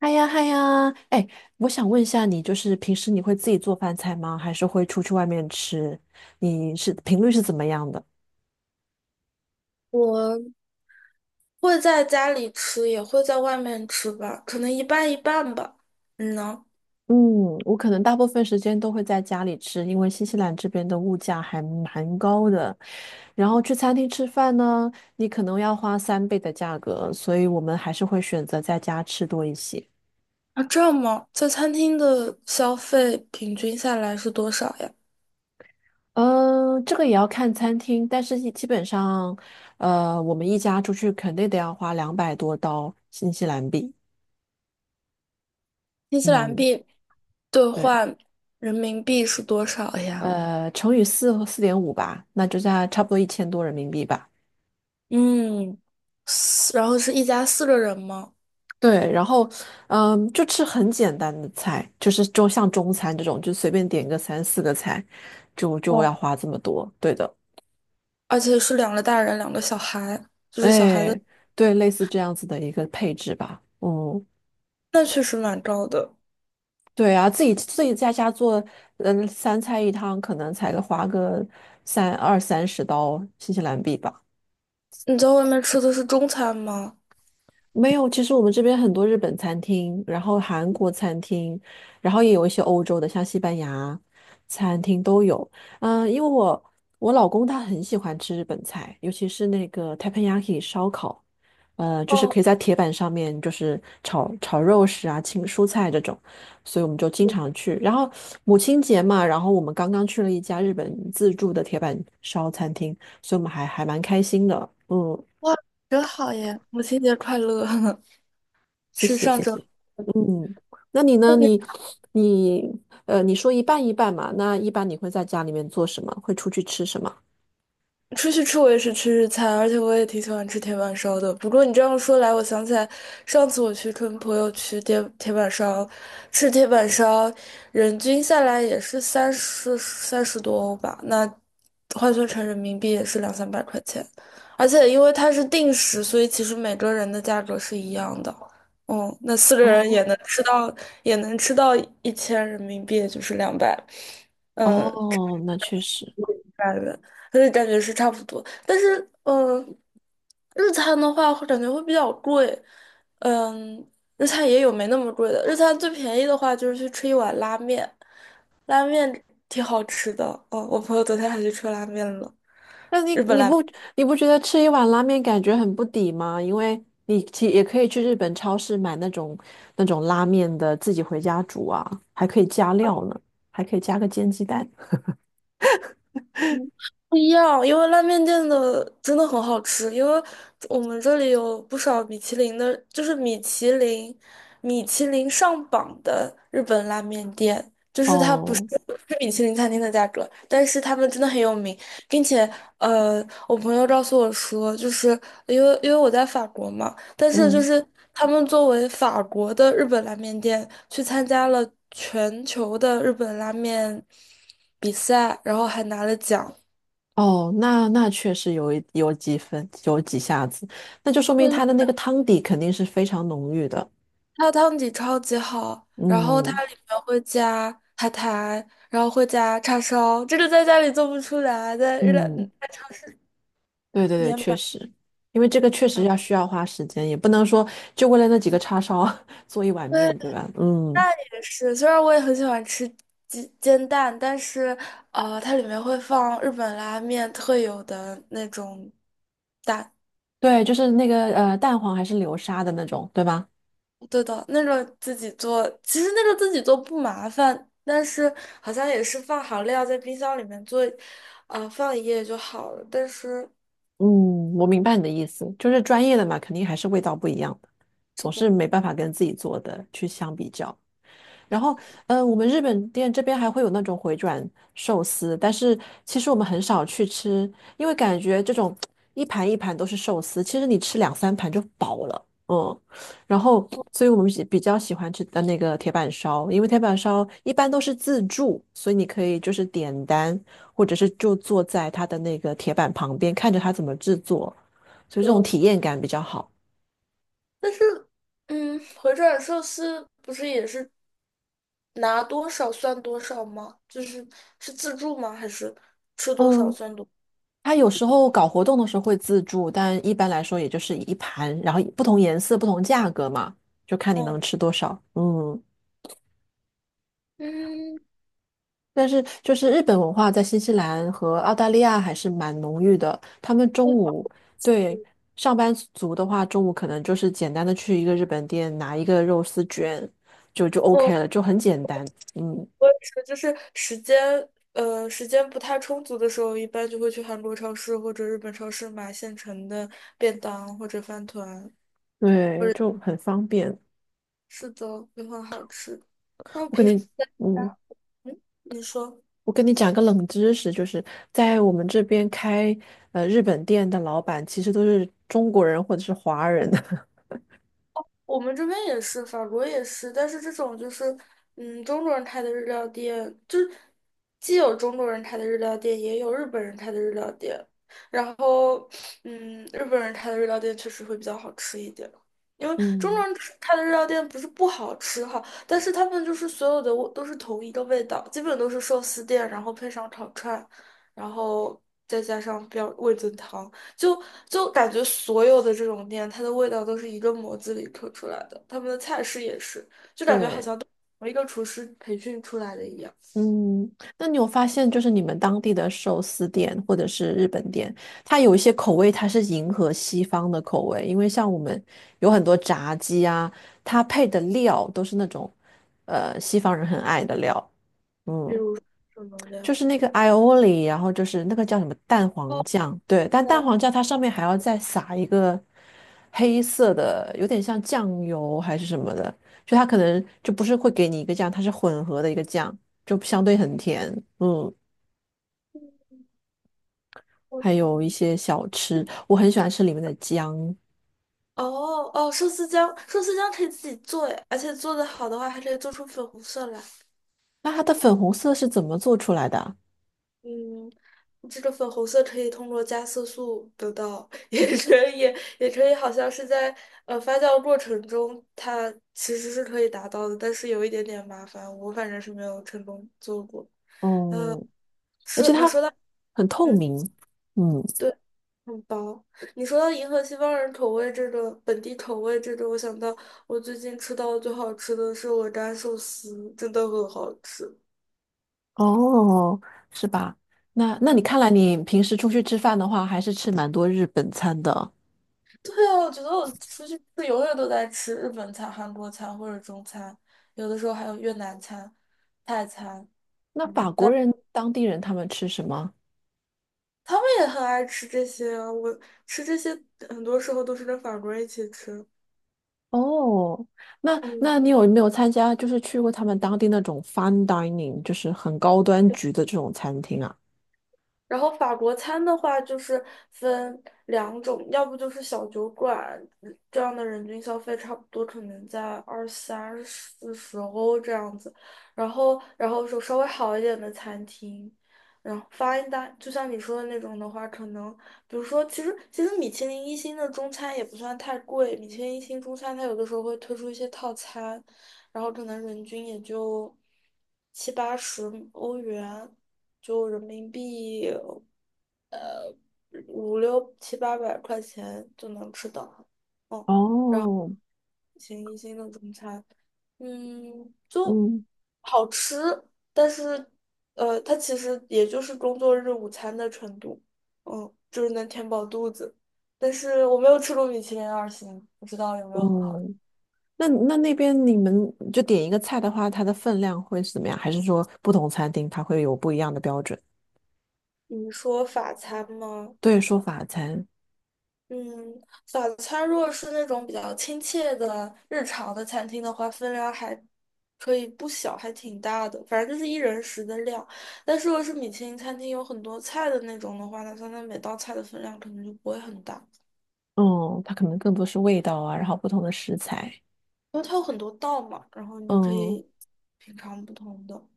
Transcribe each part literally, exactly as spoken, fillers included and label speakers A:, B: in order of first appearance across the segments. A: 嗨呀嗨呀，哎，我想问一下你，就是平时你会自己做饭菜吗？还是会出去外面吃？你是频率是怎么样的？
B: 我会在家里吃，也会在外面吃吧，可能一半一半吧。你呢？
A: 嗯，我可能大部分时间都会在家里吃，因为新西兰这边的物价还蛮高的。然后去餐厅吃饭呢，你可能要花三倍的价格，所以我们还是会选择在家吃多一些。
B: 啊，这样吗？在餐厅的消费平均下来是多少呀？
A: 嗯，这个也要看餐厅，但是一基本上，呃，我们一家出去肯定得要花两百多刀新西兰币。
B: 新西兰
A: 嗯。
B: 币兑
A: 对，
B: 换人民币是多少呀？
A: 呃，乘以四四点五吧，那就在差不多一千多人民币吧。
B: 嗯，四然后是一家四个人吗？
A: 对，然后，嗯，就吃很简单的菜，就是就像中餐这种，就随便点个三四个菜，就就
B: 哦，
A: 要花这么多。对的，
B: 而且是两个大人，两个小孩，就是小孩的，
A: 哎，对，类似这样子的一个配置吧。嗯，
B: 那确实蛮高的。
A: 对啊，自己自己在家做，嗯，三菜一汤，可能才花个三二三十刀新西兰币吧。
B: 你在外面吃的是中餐吗？
A: 没有，其实我们这边很多日本餐厅，然后韩国餐厅，然后也有一些欧洲的，像西班牙餐厅都有。嗯，因为我我老公他很喜欢吃日本菜，尤其是那个 teppanyaki 烧烤，呃，就是
B: 哦，
A: 可以在铁板上面就是炒炒肉食啊、青蔬菜这种，所以我们就经常去。然后母亲节嘛，然后我们刚刚去了一家日本自助的铁板烧餐厅，所以我们还还蛮开心的。嗯，
B: 哇，真好耶！母亲节快乐！
A: 谢
B: 是
A: 谢，
B: 上
A: 谢
B: 周。
A: 谢。嗯，那你
B: 那
A: 呢？
B: 你
A: 你你呃，你说一半一半嘛？那一般你会在家里面做什么？会出去吃什么？
B: 出去吃我也是吃日餐，而且我也挺喜欢吃铁板烧的。不过你这样说来，我想起来上次我去跟朋友去铁铁板烧吃铁板烧，人均下来也是三十三十多欧吧，那换算成人民币也是两三百块钱。而且因为它是定时，所以其实每个人的价格是一样的。嗯，那四个人也
A: 哦
B: 能吃到，也能吃到一千人民币，也就是两百。嗯。
A: 哦，那确实。
B: 感觉，而且感觉是差不多。但是，嗯，日餐的话，会感觉会比较贵。嗯，日餐也有没那么贵的。日餐最便宜的话，就是去吃一碗拉面，拉面挺好吃的。哦，我朋友昨天还去吃拉面了，
A: 那你
B: 日本
A: 你
B: 拉。
A: 不你不觉得吃一碗拉面感觉很不抵吗？因为你其也可以去日本超市买那种那种拉面的，自己回家煮啊，还可以加料呢，还可以加个煎鸡蛋。
B: 不一样，因为拉面店的真的很好吃，因为我们这里有不少米其林的，就是米其林、米其林上榜的日本拉面店，就是它不是
A: 哦，
B: 不是米其林餐厅的价格，但是他们真的很有名，并且呃，我朋友告诉我说，就是因为因为我在法国嘛，但是就
A: 嗯。
B: 是他们作为法国的日本拉面店去参加了全球的日本拉面比赛，然后还拿了奖。
A: 哦，那那确实有一有几分有几下子，那就说
B: 就
A: 明
B: 是
A: 它的那个汤底肯定是非常浓郁的。
B: 它汤底超级好，然后
A: 嗯
B: 它里面会加海苔，然后会加叉烧，这个在家里做不出来，在日料嗯
A: 嗯，对对对，
B: 也
A: 确
B: 买。
A: 实，因为这个确实
B: 然后
A: 要需要花时间，也不能说就为了那几个叉烧 做一碗
B: 对，
A: 面，对吧？嗯，
B: 也是，虽然我也很喜欢吃煎煎蛋，但是呃，它里面会放日本拉面特有的那种蛋，
A: 对，就是那个呃蛋黄还是流沙的那种，对吧？
B: 对的，那种自己做，其实那个自己做不麻烦，但是好像也是放好料在冰箱里面做，呃，放一夜就好了，但是。
A: 嗯，我明白你的意思，就是专业的嘛，肯定还是味道不一样的，
B: 是
A: 总是
B: 的。
A: 没办法跟自己做的去相比较。然
B: 没
A: 后，嗯我们日本店这边还会有那种回转寿司，但是其实我们很少去吃，因为感觉这种一盘一盘都是寿司，其实你吃两三盘就饱了，嗯。然后，所以我们比比较喜欢吃的那个铁板烧，因为铁板烧一般都是自助，所以你可以就是点单，或者是就坐在它的那个铁板旁边，看着它怎么制作，所以这种
B: 错，
A: 体验感比较好。
B: 但是，嗯，回转寿司不是也是拿多少算多少吗？就是是自助吗？还是吃多少
A: 嗯。
B: 算多？
A: 它有时候搞活动的时候会自助，但一般来说也就是一盘，然后不同颜色、不同价格嘛，就看你能
B: 嗯
A: 吃多少。嗯，
B: 嗯，
A: 但是就是日本文化在新西兰和澳大利亚还是蛮浓郁的。他们中
B: 我
A: 午对上班族的话，中午可能就是简单的去一个日本店拿一个肉丝卷，就就 OK
B: 我
A: 了，就很简单。嗯，
B: 我也是，就是时间，呃，时间不太充足的时候，一般就会去韩国超市或者日本超市买现成的便当或者饭团，
A: 对，
B: 或者
A: 就很方便。
B: 是的，也很好吃。那我
A: 我肯
B: 平时，
A: 定。嗯。
B: 嗯，你说。
A: 我跟你讲个冷知识，就是在我们这边开呃日本店的老板，其实都是中国人或者是华人。
B: 我们这边也是，法国也是，但是这种就是，嗯，中国人开的日料店，就是既有中国人开的日料店，也有日本人开的日料店。然后，嗯，日本人开的日料店确实会比较好吃一点，因为中
A: 嗯，
B: 国人吃开的日料店不是不好吃哈，但是他们就是所有的味都是同一个味道，基本都是寿司店，然后配上烤串，然后再加上标味增汤。就就感觉所有的这种店，它的味道都是一个模子里刻出来的，他们的菜式也是，就感觉好
A: 对，
B: 像都是同一个厨师培训出来的一样。
A: 嗯，那你有发现，就是你们当地的寿司店或者是日本店，它有一些口味它是迎合西方的口味，因为像我们有很多炸鸡啊，它配的料都是那种呃西方人很爱的料。
B: 比
A: 嗯，
B: 如说什么
A: 就
B: 料，
A: 是那个 i o l i 然后就是那个叫什么蛋黄
B: 哦，
A: 酱，对，但蛋黄酱它上面还要再撒一个黑色的，有点像酱油还是什么的，就它可能就不是会给你一个酱，它是混合的一个酱，就相对很甜，嗯，
B: 不
A: 还有一
B: 同
A: 些小吃，我很喜欢吃里面的姜，
B: 哦哦，寿司姜，寿司姜可以自己做诶，而且做的好的话，还可以做出粉红色来。
A: 那它的粉红色是怎么做出来的啊？
B: 嗯，这个粉红色可以通过加色素得到，也可以，也可以，好像是在呃发酵过程中，它其实是可以达到的，但是有一点点麻烦，我反正是没有成功做过。
A: 哦，而
B: 说
A: 且
B: 你
A: 它
B: 说到，
A: 很透
B: 嗯，
A: 明，嗯。
B: 对，很薄。你说到银河西方人口味这个本地口味这个，我想到我最近吃到的最好吃的是鹅肝寿司，真的很好吃。
A: 哦，是吧？那那你
B: 嗯。
A: 看来你平时出去吃饭的话，还是吃蛮多日本餐的。
B: 对啊，我觉得我出去吃永远都在吃日本餐、韩国餐或者中餐，有的时候还有越南餐、泰餐，
A: 那法
B: 嗯，
A: 国
B: 但
A: 人、当地人他们吃什么？
B: 他们也很爱吃这些啊。我吃这些很多时候都是跟法国人一起吃，
A: 哦，那
B: 嗯，
A: 那你有没有参加，就是去过他们当地那种 fine dining,就是很高端局的这种餐厅啊？
B: 然后法国餐的话，就是分两种，要不就是小酒馆，这样的人均消费差不多可能在二三四十欧这样子，然后然后说稍微好一点的餐厅，然后 f i n 就像你说的那种的话，可能比如说，其实其实米其林一星的中餐也不算太贵，米其林一星中餐它有的时候会推出一些套餐，然后可能人均也就七八十欧元，就人民币五六七八百块钱就能吃到，嗯，
A: 哦，
B: 一星一星的中餐，嗯，就
A: 嗯
B: 好吃，但是呃，它其实也就是工作日午餐的程度，嗯，就是能填饱肚子。但是我没有吃过米其林二星，不知道有没有很好的。
A: 嗯，那那那边你们就点一个菜的话，它的分量会是怎么样？还是说不同餐厅它会有不一样的标准？
B: 你说法餐吗？
A: 对，说法餐。
B: 嗯，早餐如果是那种比较亲切的日常的餐厅的话，分量还可以不小，还挺大的，反正就是一人食的量。但是如果是米其林餐厅有很多菜的那种的话，那它那每道菜的分量可能就不会很大，
A: 嗯，它可能更多是味道啊，然后不同的食材。
B: 因为它有很多道嘛，然后你可
A: 嗯，
B: 以品尝不同的。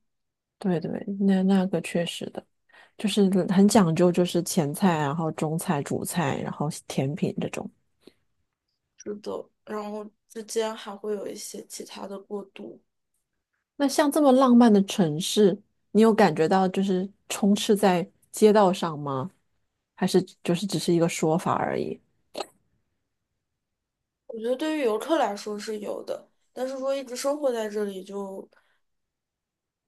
A: 对对，那那个确实的，就是
B: 嗯，
A: 很讲究，就是前菜啊，然后中菜、主菜，然后甜品这种。
B: 是的，然后之间还会有一些其他的过渡，
A: 那像这么浪漫的城市，你有感觉到就是充斥在街道上吗？还是就是只是一个说法而已？
B: 我觉得对于游客来说是有的，但是说一直生活在这里就。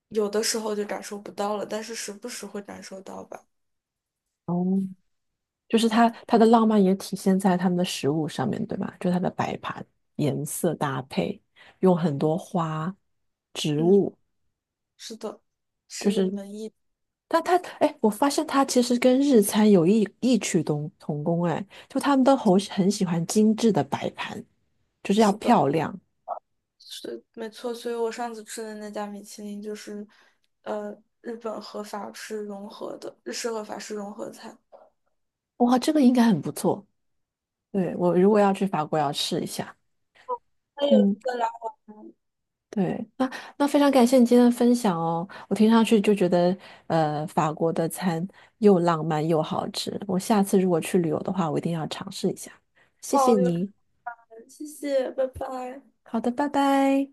B: 有的时候就感受不到了，但是时不时会感受到吧。
A: 哦，就是它
B: 嗯
A: 它的浪漫也体现在他们的食物上面，对吧？就它的摆盘、颜色搭配，用很多花、植
B: 嗯，
A: 物。
B: 是的，
A: 就
B: 是一
A: 是
B: 门艺，
A: 但它，哎，我发现它其实跟日餐有异异曲同同工，哎，就他们都很很喜欢精致的摆盘，就是要
B: 是的，
A: 漂亮。
B: 是没错。所以我上次吃的那家米其林就是，呃，日本和法式融合的，日式和法式融合菜。
A: 哇，这个应该很不错。对，我如果要去法国，要试一下。
B: 还有
A: 嗯，
B: 一个啦，
A: 对，那那非常感谢你今天的分享哦。我听上去就觉得，呃，法国的餐又浪漫又好吃。我下次如果去旅游的话，我一定要尝试一下。谢谢
B: 好，有可
A: 你。
B: 能，谢谢，拜拜。
A: 好的，拜拜。